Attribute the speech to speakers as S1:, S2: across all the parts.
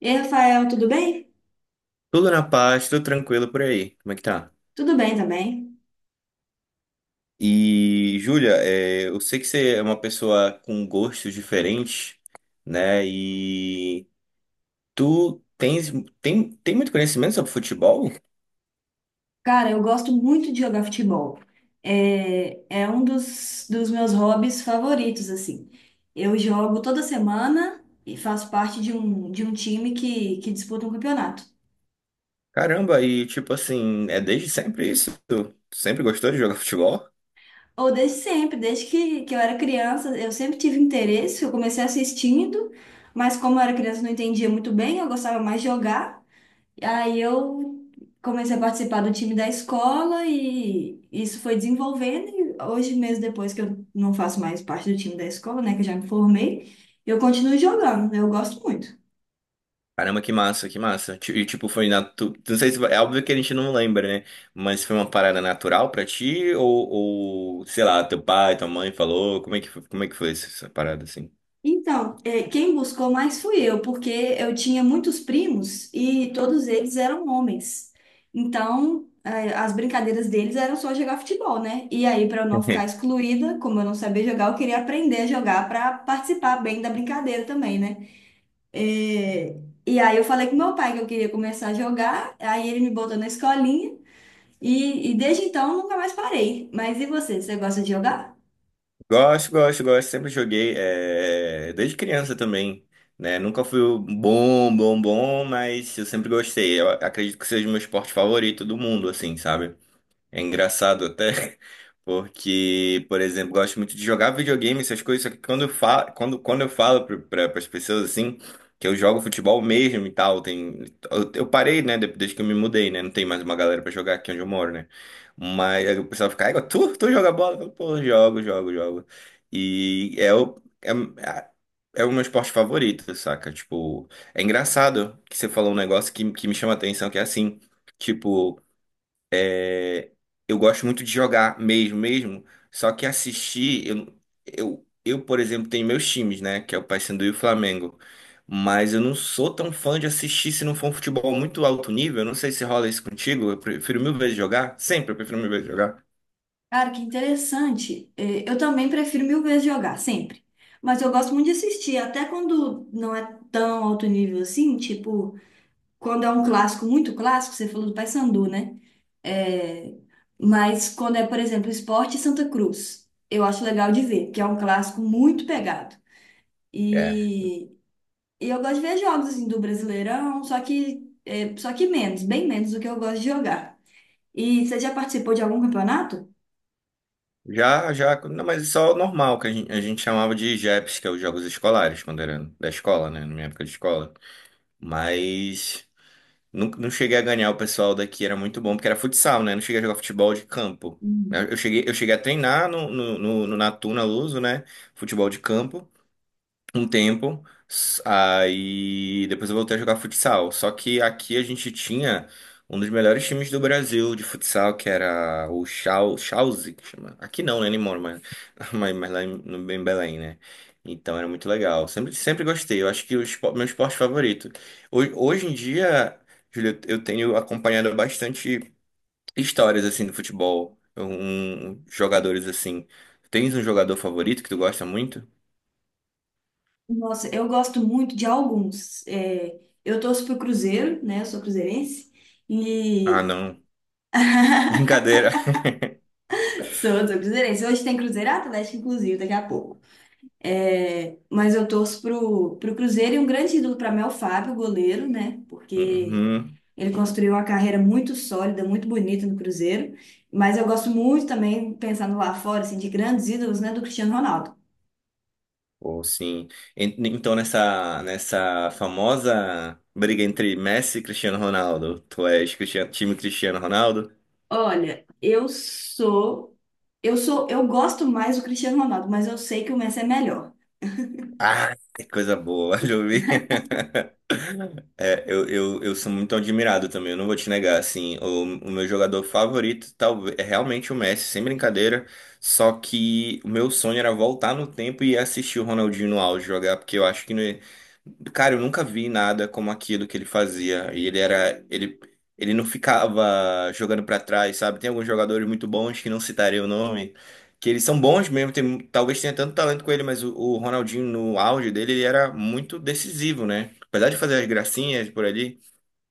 S1: E aí, Rafael, tudo bem?
S2: Tudo na paz, tudo tranquilo por aí. Como é que tá?
S1: Tudo bem também.
S2: E, Júlia, é, eu sei que você é uma pessoa com gostos diferentes, né? E tu tens, tem muito conhecimento sobre futebol?
S1: Cara, eu gosto muito de jogar futebol. É um dos meus hobbies favoritos, assim. Eu jogo toda semana e faço parte de um time que disputa um campeonato.
S2: Caramba, e tipo assim, é desde sempre isso? Tu sempre gostou de jogar futebol?
S1: Ou desde sempre, desde que eu era criança, eu sempre tive interesse. Eu comecei assistindo, mas como eu era criança, não entendia muito bem, eu gostava mais de jogar. Aí eu comecei a participar do time da escola e isso foi desenvolvendo. E hoje, mesmo depois que eu não faço mais parte do time da escola, né, que eu já me formei, eu continuo jogando, eu gosto muito.
S2: Caramba, que massa, que massa. E tipo, foi na tu, não sei se é óbvio que a gente não lembra, né? Mas foi uma parada natural pra ti ou sei lá, teu pai, tua mãe falou, como é que foi essa parada assim?
S1: Então, quem buscou mais fui eu, porque eu tinha muitos primos e todos eles eram homens. Então, as brincadeiras deles eram só jogar futebol, né? E aí, para eu não ficar excluída, como eu não sabia jogar, eu queria aprender a jogar para participar bem da brincadeira também, né? É, e aí eu falei com meu pai que eu queria começar a jogar, aí ele me botou na escolinha e desde então eu nunca mais parei. Mas e você, você gosta de jogar?
S2: Gosto, gosto, gosto. Sempre joguei, desde criança também, né? Nunca fui o bom, bom, bom, mas eu sempre gostei. Eu acredito que seja o meu esporte favorito do mundo, assim, sabe? É engraçado até, porque, por exemplo, gosto muito de jogar videogame, essas coisas, só que quando eu falo, quando eu falo para as pessoas assim, que eu jogo futebol mesmo e tal, tem, eu parei, né, desde que eu me mudei, né, não tem mais uma galera para jogar aqui onde eu moro, né, mas aí o pessoal fica, "Ai, tu joga bola?" Eu falo, "Pô, jogo, jogo, jogo, e é é é o meu esporte favorito", saca, tipo, é engraçado que você falou um negócio que me chama a atenção, que é assim, tipo, eu gosto muito de jogar mesmo, mesmo. Só que assistir, eu, por exemplo, tenho meus times, né? Que é o Paysandu e o Flamengo. Mas eu não sou tão fã de assistir se não for um futebol muito alto nível. Eu não sei se rola isso contigo. Eu prefiro mil vezes jogar. Sempre eu prefiro mil vezes jogar.
S1: Cara, que interessante. É, eu também prefiro mil vezes jogar, sempre. Mas eu gosto muito de assistir, até quando não é tão alto nível assim, tipo, quando é um clássico, muito clássico, você falou do Paysandu, né? É, mas quando é, por exemplo, Sport e Santa Cruz, eu acho legal de ver, que é um clássico muito pegado.
S2: É.
S1: E, E eu gosto de ver jogos assim do Brasileirão, só que menos, bem menos do que eu gosto de jogar. E você já participou de algum campeonato?
S2: Já, já. Não, mas isso é o normal, que a gente chamava de JEPs, que é os jogos escolares, quando era da escola, né? Na minha época de escola. Mas. Não, não cheguei a ganhar o pessoal daqui, era muito bom, porque era futsal, né? Não cheguei a jogar futebol de campo.
S1: Hum.
S2: Eu cheguei a treinar na Luso, né? Futebol de campo um tempo, aí depois eu voltei a jogar futsal. Só que aqui a gente tinha um dos melhores times do Brasil de futsal, que era o Chauzi, que chama. Aqui não, né, nem moro, mas, mas lá em, no, em Belém, né? Então era muito legal. Sempre, sempre gostei. Eu acho que meu esporte favorito. Hoje em dia, Júlio, eu tenho acompanhado bastante histórias assim do futebol, jogadores assim. Tens um jogador favorito que tu gosta muito?
S1: Nossa, eu gosto muito de alguns. É, eu torço pro Cruzeiro, né? Eu sou cruzeirense.
S2: Ah,
S1: E
S2: não. Brincadeira.
S1: sou cruzeirense. Hoje tem Cruzeiro Atlético, inclusive, daqui a pouco. É, mas eu torço pro Cruzeiro e um grande ídolo para mim é o Fábio, goleiro, né? Porque
S2: Uhum.
S1: ele construiu uma carreira muito sólida, muito bonita no Cruzeiro, mas eu gosto muito também, pensando lá fora, assim, de grandes ídolos, né, do Cristiano Ronaldo.
S2: Ou sim. Então, nessa famosa briga entre Messi e Cristiano Ronaldo, tu és Cristiano, time Cristiano Ronaldo?
S1: Olha, eu gosto mais do Cristiano Ronaldo, mas eu sei que o Messi é melhor.
S2: Ah, que coisa boa, Jovi. É, eu sou muito admirado também, eu não vou te negar, assim, o meu jogador favorito talvez é realmente o Messi, sem brincadeira, só que o meu sonho era voltar no tempo e assistir o Ronaldinho no auge jogar, porque eu acho que, né, cara, eu nunca vi nada como aquilo que ele fazia, e ele era, ele não ficava jogando pra trás, sabe? Tem alguns jogadores muito bons que não citarei o nome, que eles são bons mesmo, tem, talvez tenha tanto talento com ele, mas o Ronaldinho no auge dele, ele era muito decisivo, né? Apesar de fazer as gracinhas por ali,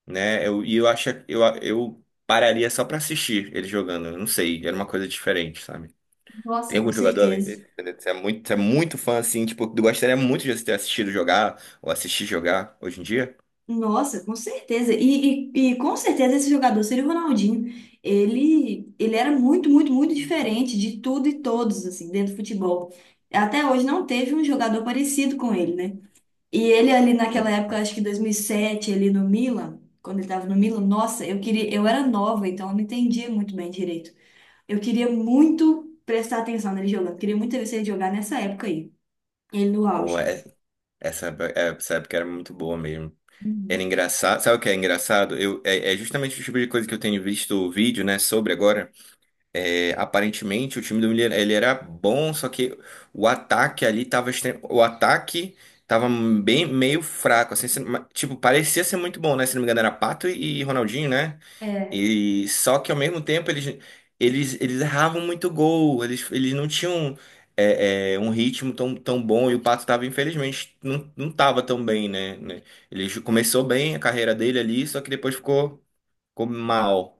S2: né? Eu, e eu acho eu pararia só pra assistir ele jogando. Eu não sei, era uma coisa diferente, sabe? Tem
S1: Nossa, com
S2: algum jogador além dele?
S1: certeza.
S2: Entendeu? Você é muito fã, assim, tipo, eu gostaria muito de ter assistido jogar ou assistir jogar hoje em dia.
S1: Nossa, com certeza. E com certeza esse jogador seria o Ronaldinho. Ele era muito diferente de tudo e todos, assim, dentro do futebol. Até hoje não teve um jogador parecido com ele, né? E ele ali
S2: Hum.
S1: naquela época, acho que 2007 ele no Milan, quando ele tava no Milan, nossa, eu queria, eu era nova, então eu não entendia muito bem direito. Eu queria muito prestar atenção nele jogando, queria muito ver se ele jogar nessa época aí, ele no
S2: Pô,
S1: auge.
S2: essa, é- essa época era muito boa mesmo. Era
S1: Uhum.
S2: engraçado. Sabe o que é engraçado? É justamente o tipo de coisa que eu tenho visto o vídeo, né, sobre agora. É, aparentemente o time do Miller ele era bom, só que o ataque ali o ataque tava bem meio fraco, assim, tipo, parecia ser muito bom, né? Se não me engano era Pato e Ronaldinho, né?
S1: É.
S2: E só que ao mesmo tempo eles erravam muito gol, eles não tinham um ritmo tão, tão bom e o Pato tava infelizmente não tava tão bem, né? Começou bem a carreira dele ali, só que depois ficou, ficou mal.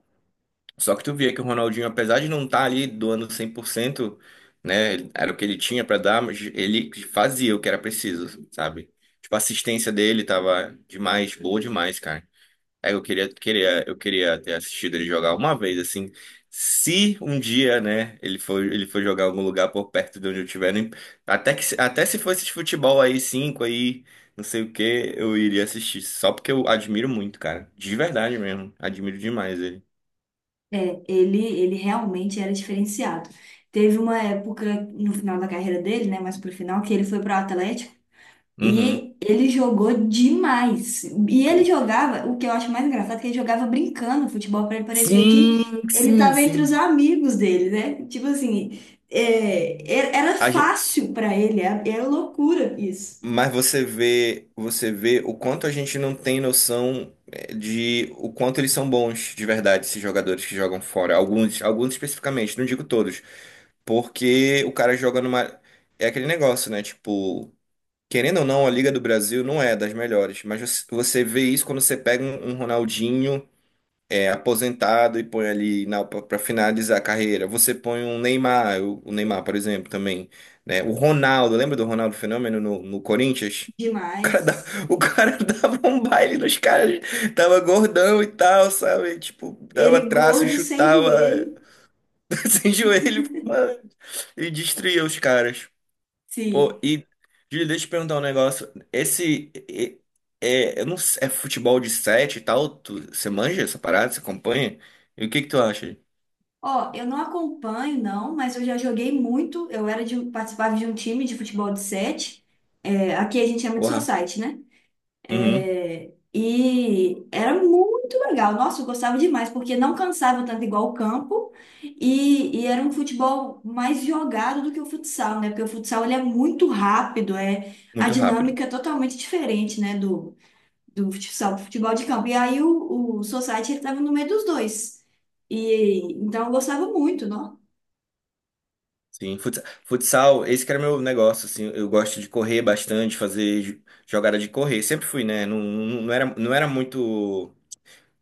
S2: Só que tu via que o Ronaldinho, apesar de não estar ali doando 100%, né, era o que ele tinha pra dar, mas ele fazia o que era preciso, sabe? Tipo, a assistência dele tava demais, boa demais, cara. Aí eu queria, queria, eu queria ter assistido ele jogar uma vez, assim. Se um dia, né, ele for jogar em algum lugar por perto de onde eu estiver, até que, até se fosse de futebol aí, cinco aí, não sei o que, eu iria assistir. Só porque eu admiro muito, cara. De verdade mesmo. Admiro demais ele.
S1: Ele realmente era diferenciado. Teve uma época no final da carreira dele, né, mais pro final, que ele foi pro Atlético
S2: Uhum.
S1: e ele jogou demais. E ele
S2: Pô.
S1: jogava, o que eu acho mais engraçado, é que ele jogava brincando futebol, para ele parecer que
S2: Sim,
S1: ele
S2: sim,
S1: estava entre os
S2: sim.
S1: amigos dele, né? Tipo assim, é, era
S2: A gen-
S1: fácil para ele, era loucura isso.
S2: mas você vê o quanto a gente não tem noção de o quanto eles são bons de verdade, esses jogadores que jogam fora. Alguns, alguns especificamente, não digo todos. Porque o cara joga numa. É aquele negócio, né? Tipo, querendo ou não, a Liga do Brasil não é das melhores. Mas você vê isso quando você pega um Ronaldinho. É, aposentado e põe ali na para finalizar a carreira. Você põe um Neymar, o Neymar, por exemplo, também, né? O Ronaldo, lembra do Ronaldo Fenômeno no Corinthians? O cara,
S1: Demais.
S2: o cara dava um baile nos caras, tava gordão e tal, sabe? Tipo, dava
S1: Ele
S2: traço,
S1: gordo, sem
S2: chutava
S1: joelho.
S2: sem joelho, mano, e destruía os caras. Pô,
S1: Sim.
S2: e, Júlio, deixa eu te perguntar um negócio. Esse. É, eu não sei, é futebol de sete e tal? Tu, você manja essa parada? Você acompanha? E o que que tu acha?
S1: Ó, eu não acompanho, não, mas eu já joguei muito. Eu era de, participava de um time de futebol de sete. É, aqui a gente chama de
S2: Porra.
S1: society, né?
S2: Uhum,
S1: É, e era muito legal. Nossa, eu gostava demais, porque não cansava tanto igual o campo e era um futebol mais jogado do que o futsal, né? Porque o futsal ele é muito rápido, é a
S2: muito rápido.
S1: dinâmica é totalmente diferente, né, do futsal, do futebol de campo. E aí o Society ele estava no meio dos dois. E então eu gostava muito, não?
S2: Sim, futsal, futsal, esse que era meu negócio, assim. Eu gosto de correr bastante, fazer jogada de correr. Sempre fui, né? Não, não era muito.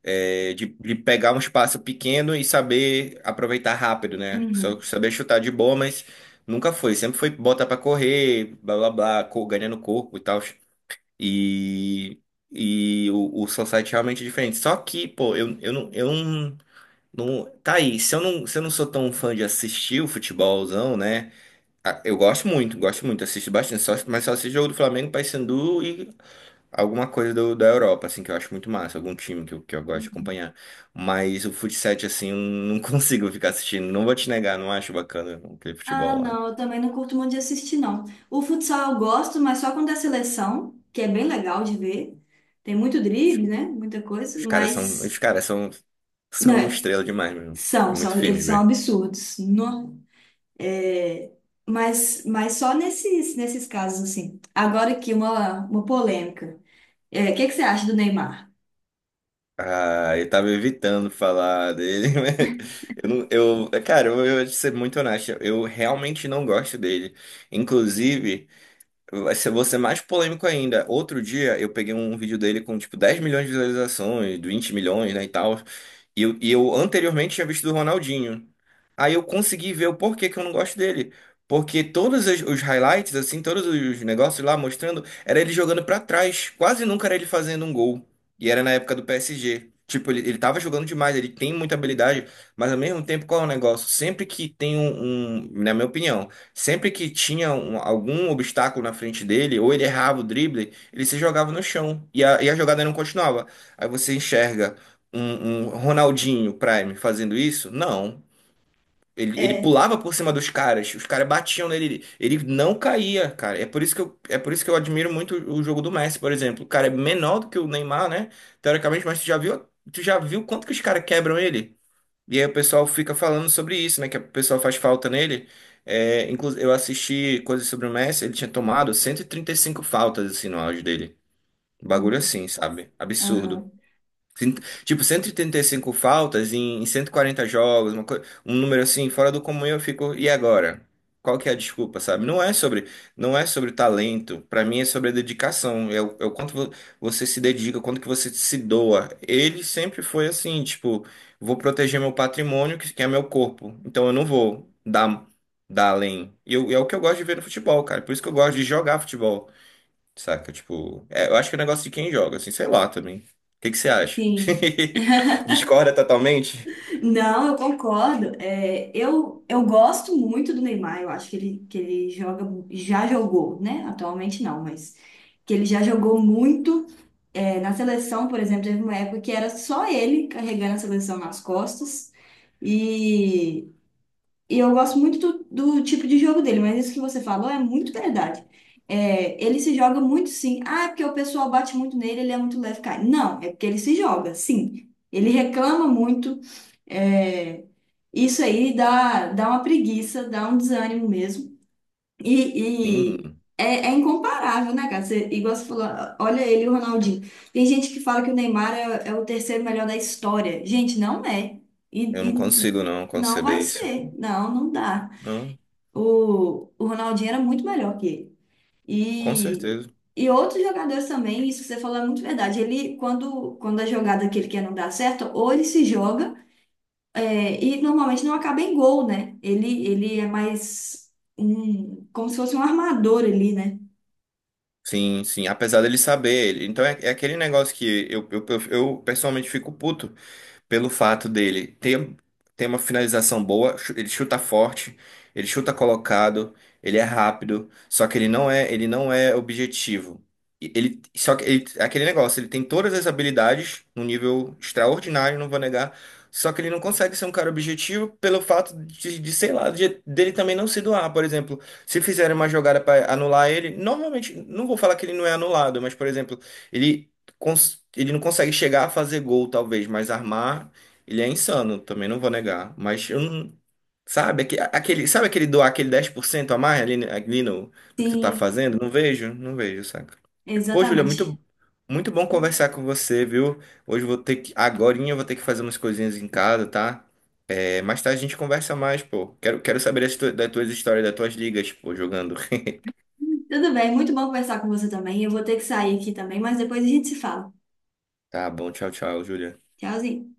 S2: É, de pegar um espaço pequeno e saber aproveitar rápido, né? Só
S1: Uhum.
S2: saber chutar de boa, mas nunca foi. Sempre foi botar pra correr, blá blá blá, ganhando corpo e tal. E, e o society é realmente diferente. Só que, pô, eu não. Tá aí, se eu não sou tão fã de assistir o futebolzão, né? Ah, eu gosto muito, assisto bastante, só, mas só assisto jogo do Flamengo, Paysandu e alguma coisa da Europa, assim, que eu acho muito massa, algum time que eu gosto de acompanhar. Mas o futsal, assim, eu não consigo ficar assistindo. Não vou te negar, não acho bacana aquele
S1: Ah,
S2: futebol lá.
S1: não, eu também não curto muito de assistir, não. O futsal eu gosto, mas só quando é seleção, que é bem legal de ver. Tem muito
S2: Os,
S1: drible, né? Muita coisa, mas.
S2: os caras são,
S1: Não,
S2: são
S1: é,
S2: estrela demais, meu. É muito firme de
S1: eles são
S2: ver.
S1: absurdos. No, é, mas só nesses casos, assim. Agora aqui, uma polêmica. É, o que que você acha do Neymar?
S2: Ah, eu tava evitando falar dele, mas eu não, eu, cara, eu vou ser muito honesto, eu realmente não gosto dele. Inclusive, vou ser mais polêmico ainda. Outro dia eu peguei um vídeo dele com tipo 10 milhões de visualizações, 20 milhões, né, e tal. E eu anteriormente tinha visto do Ronaldinho. Aí eu consegui ver o porquê que eu não gosto dele. Porque todos os highlights, assim, todos os negócios lá mostrando, era ele jogando pra trás. Quase nunca era ele fazendo um gol. E era na época do PSG. Tipo, ele tava jogando demais, ele tem muita habilidade, mas ao mesmo tempo, qual é o negócio? Sempre que tem na minha opinião. Sempre que tinha algum obstáculo na frente dele, ou ele errava o drible, ele se jogava no chão e e a jogada não continuava. Aí você enxerga um Ronaldinho Prime fazendo isso? Não. Ele
S1: É.
S2: pulava por cima dos caras, os caras batiam nele, ele, não caía, cara. É por isso que eu, é por isso que eu admiro muito o jogo do Messi, por exemplo. O cara é menor do que o Neymar, né? Teoricamente, mas tu já viu quanto que os caras quebram ele? E aí o pessoal fica falando sobre isso, né? Que o pessoal faz falta nele. É, inclusive, eu assisti coisas sobre o Messi, ele tinha tomado cento e trinta e cinco faltas, assim, no auge dele. Um bagulho assim, sabe? Absurdo.
S1: Aham.
S2: Cin- Tipo, 185 faltas em 140 jogos, um número assim, fora do comum, eu fico, e agora? Qual que é a desculpa, sabe? Não é sobre talento, pra mim é sobre a dedicação, é é o quanto você se dedica, o quanto que você se doa. Ele sempre foi assim, tipo, vou proteger meu patrimônio, que é meu corpo, então eu não vou dar, dar além. É o que eu gosto de ver no futebol, cara, por isso que eu gosto de jogar futebol. Saca? Tipo, é, eu acho que é um negócio de quem joga, assim, sei lá também. O que que você acha?
S1: Sim.
S2: Discorda totalmente?
S1: Não, eu concordo. Eu gosto muito do Neymar. Eu acho que ele joga, já jogou, né? Atualmente não, mas que ele já jogou muito. É, na seleção, por exemplo, teve uma época que era só ele carregando a seleção nas costas. E, e eu gosto muito do tipo de jogo dele, mas isso que você falou é muito verdade. É, ele se joga muito sim. Ah, é porque o pessoal bate muito nele, ele é muito leve, cara. Não, é porque ele se joga, sim. Ele reclama muito. É, isso aí dá, dá uma preguiça, dá um desânimo mesmo. E
S2: Sim,
S1: é, é incomparável, né, cara? Você, igual você falou, olha ele e o Ronaldinho. Tem gente que fala que o Neymar é o terceiro melhor da história. Gente, não é.
S2: eu
S1: E,
S2: não
S1: e
S2: consigo não
S1: não
S2: conceber
S1: vai
S2: isso.
S1: ser. Não, não dá.
S2: Não,
S1: O Ronaldinho era muito melhor que ele.
S2: com
S1: E,
S2: certeza.
S1: e outros jogadores também, isso que você falou é muito verdade. Ele, quando a jogada que ele quer não dá certo, ou ele se joga. É, e normalmente não acaba em gol, né? Ele é mais um, como se fosse um armador ali, né?
S2: Sim, sim, apesar dele saber. Ele, então é, é aquele negócio que eu, pessoalmente fico puto. Pelo fato dele ter, ter uma finalização boa, ele chuta forte, ele chuta colocado, ele é rápido, só que ele não é objetivo. E Ele, só que ele, é aquele negócio, ele tem todas as habilidades num nível extraordinário, não vou negar, só que ele não consegue ser um cara objetivo pelo fato de, sei lá, dele também não se doar, por exemplo. Se fizerem uma jogada para anular ele, normalmente, não vou falar que ele não é anulado, mas, por exemplo, ele ele não consegue chegar a fazer gol, talvez, mas armar, ele é insano, também não vou negar. Mas eu não. Sabe, aquele, sabe aquele doar aquele 10% a mais ali, ali no que tu tá
S1: Sim,
S2: fazendo? Não vejo, não vejo, saca? Pô, Júlia,
S1: exatamente.
S2: muito, muito bom conversar com você, viu? Hoje eu vou ter que, agorinha eu vou ter que fazer umas coisinhas em casa, tá? É, mais tarde a gente conversa mais, pô. Quero, quero saber das tuas histórias, das tuas ligas, pô, jogando.
S1: Tudo bem, muito bom conversar com você também. Eu vou ter que sair aqui também, mas depois a gente se fala.
S2: Tá bom, tchau, tchau, Júlia.
S1: Tchauzinho.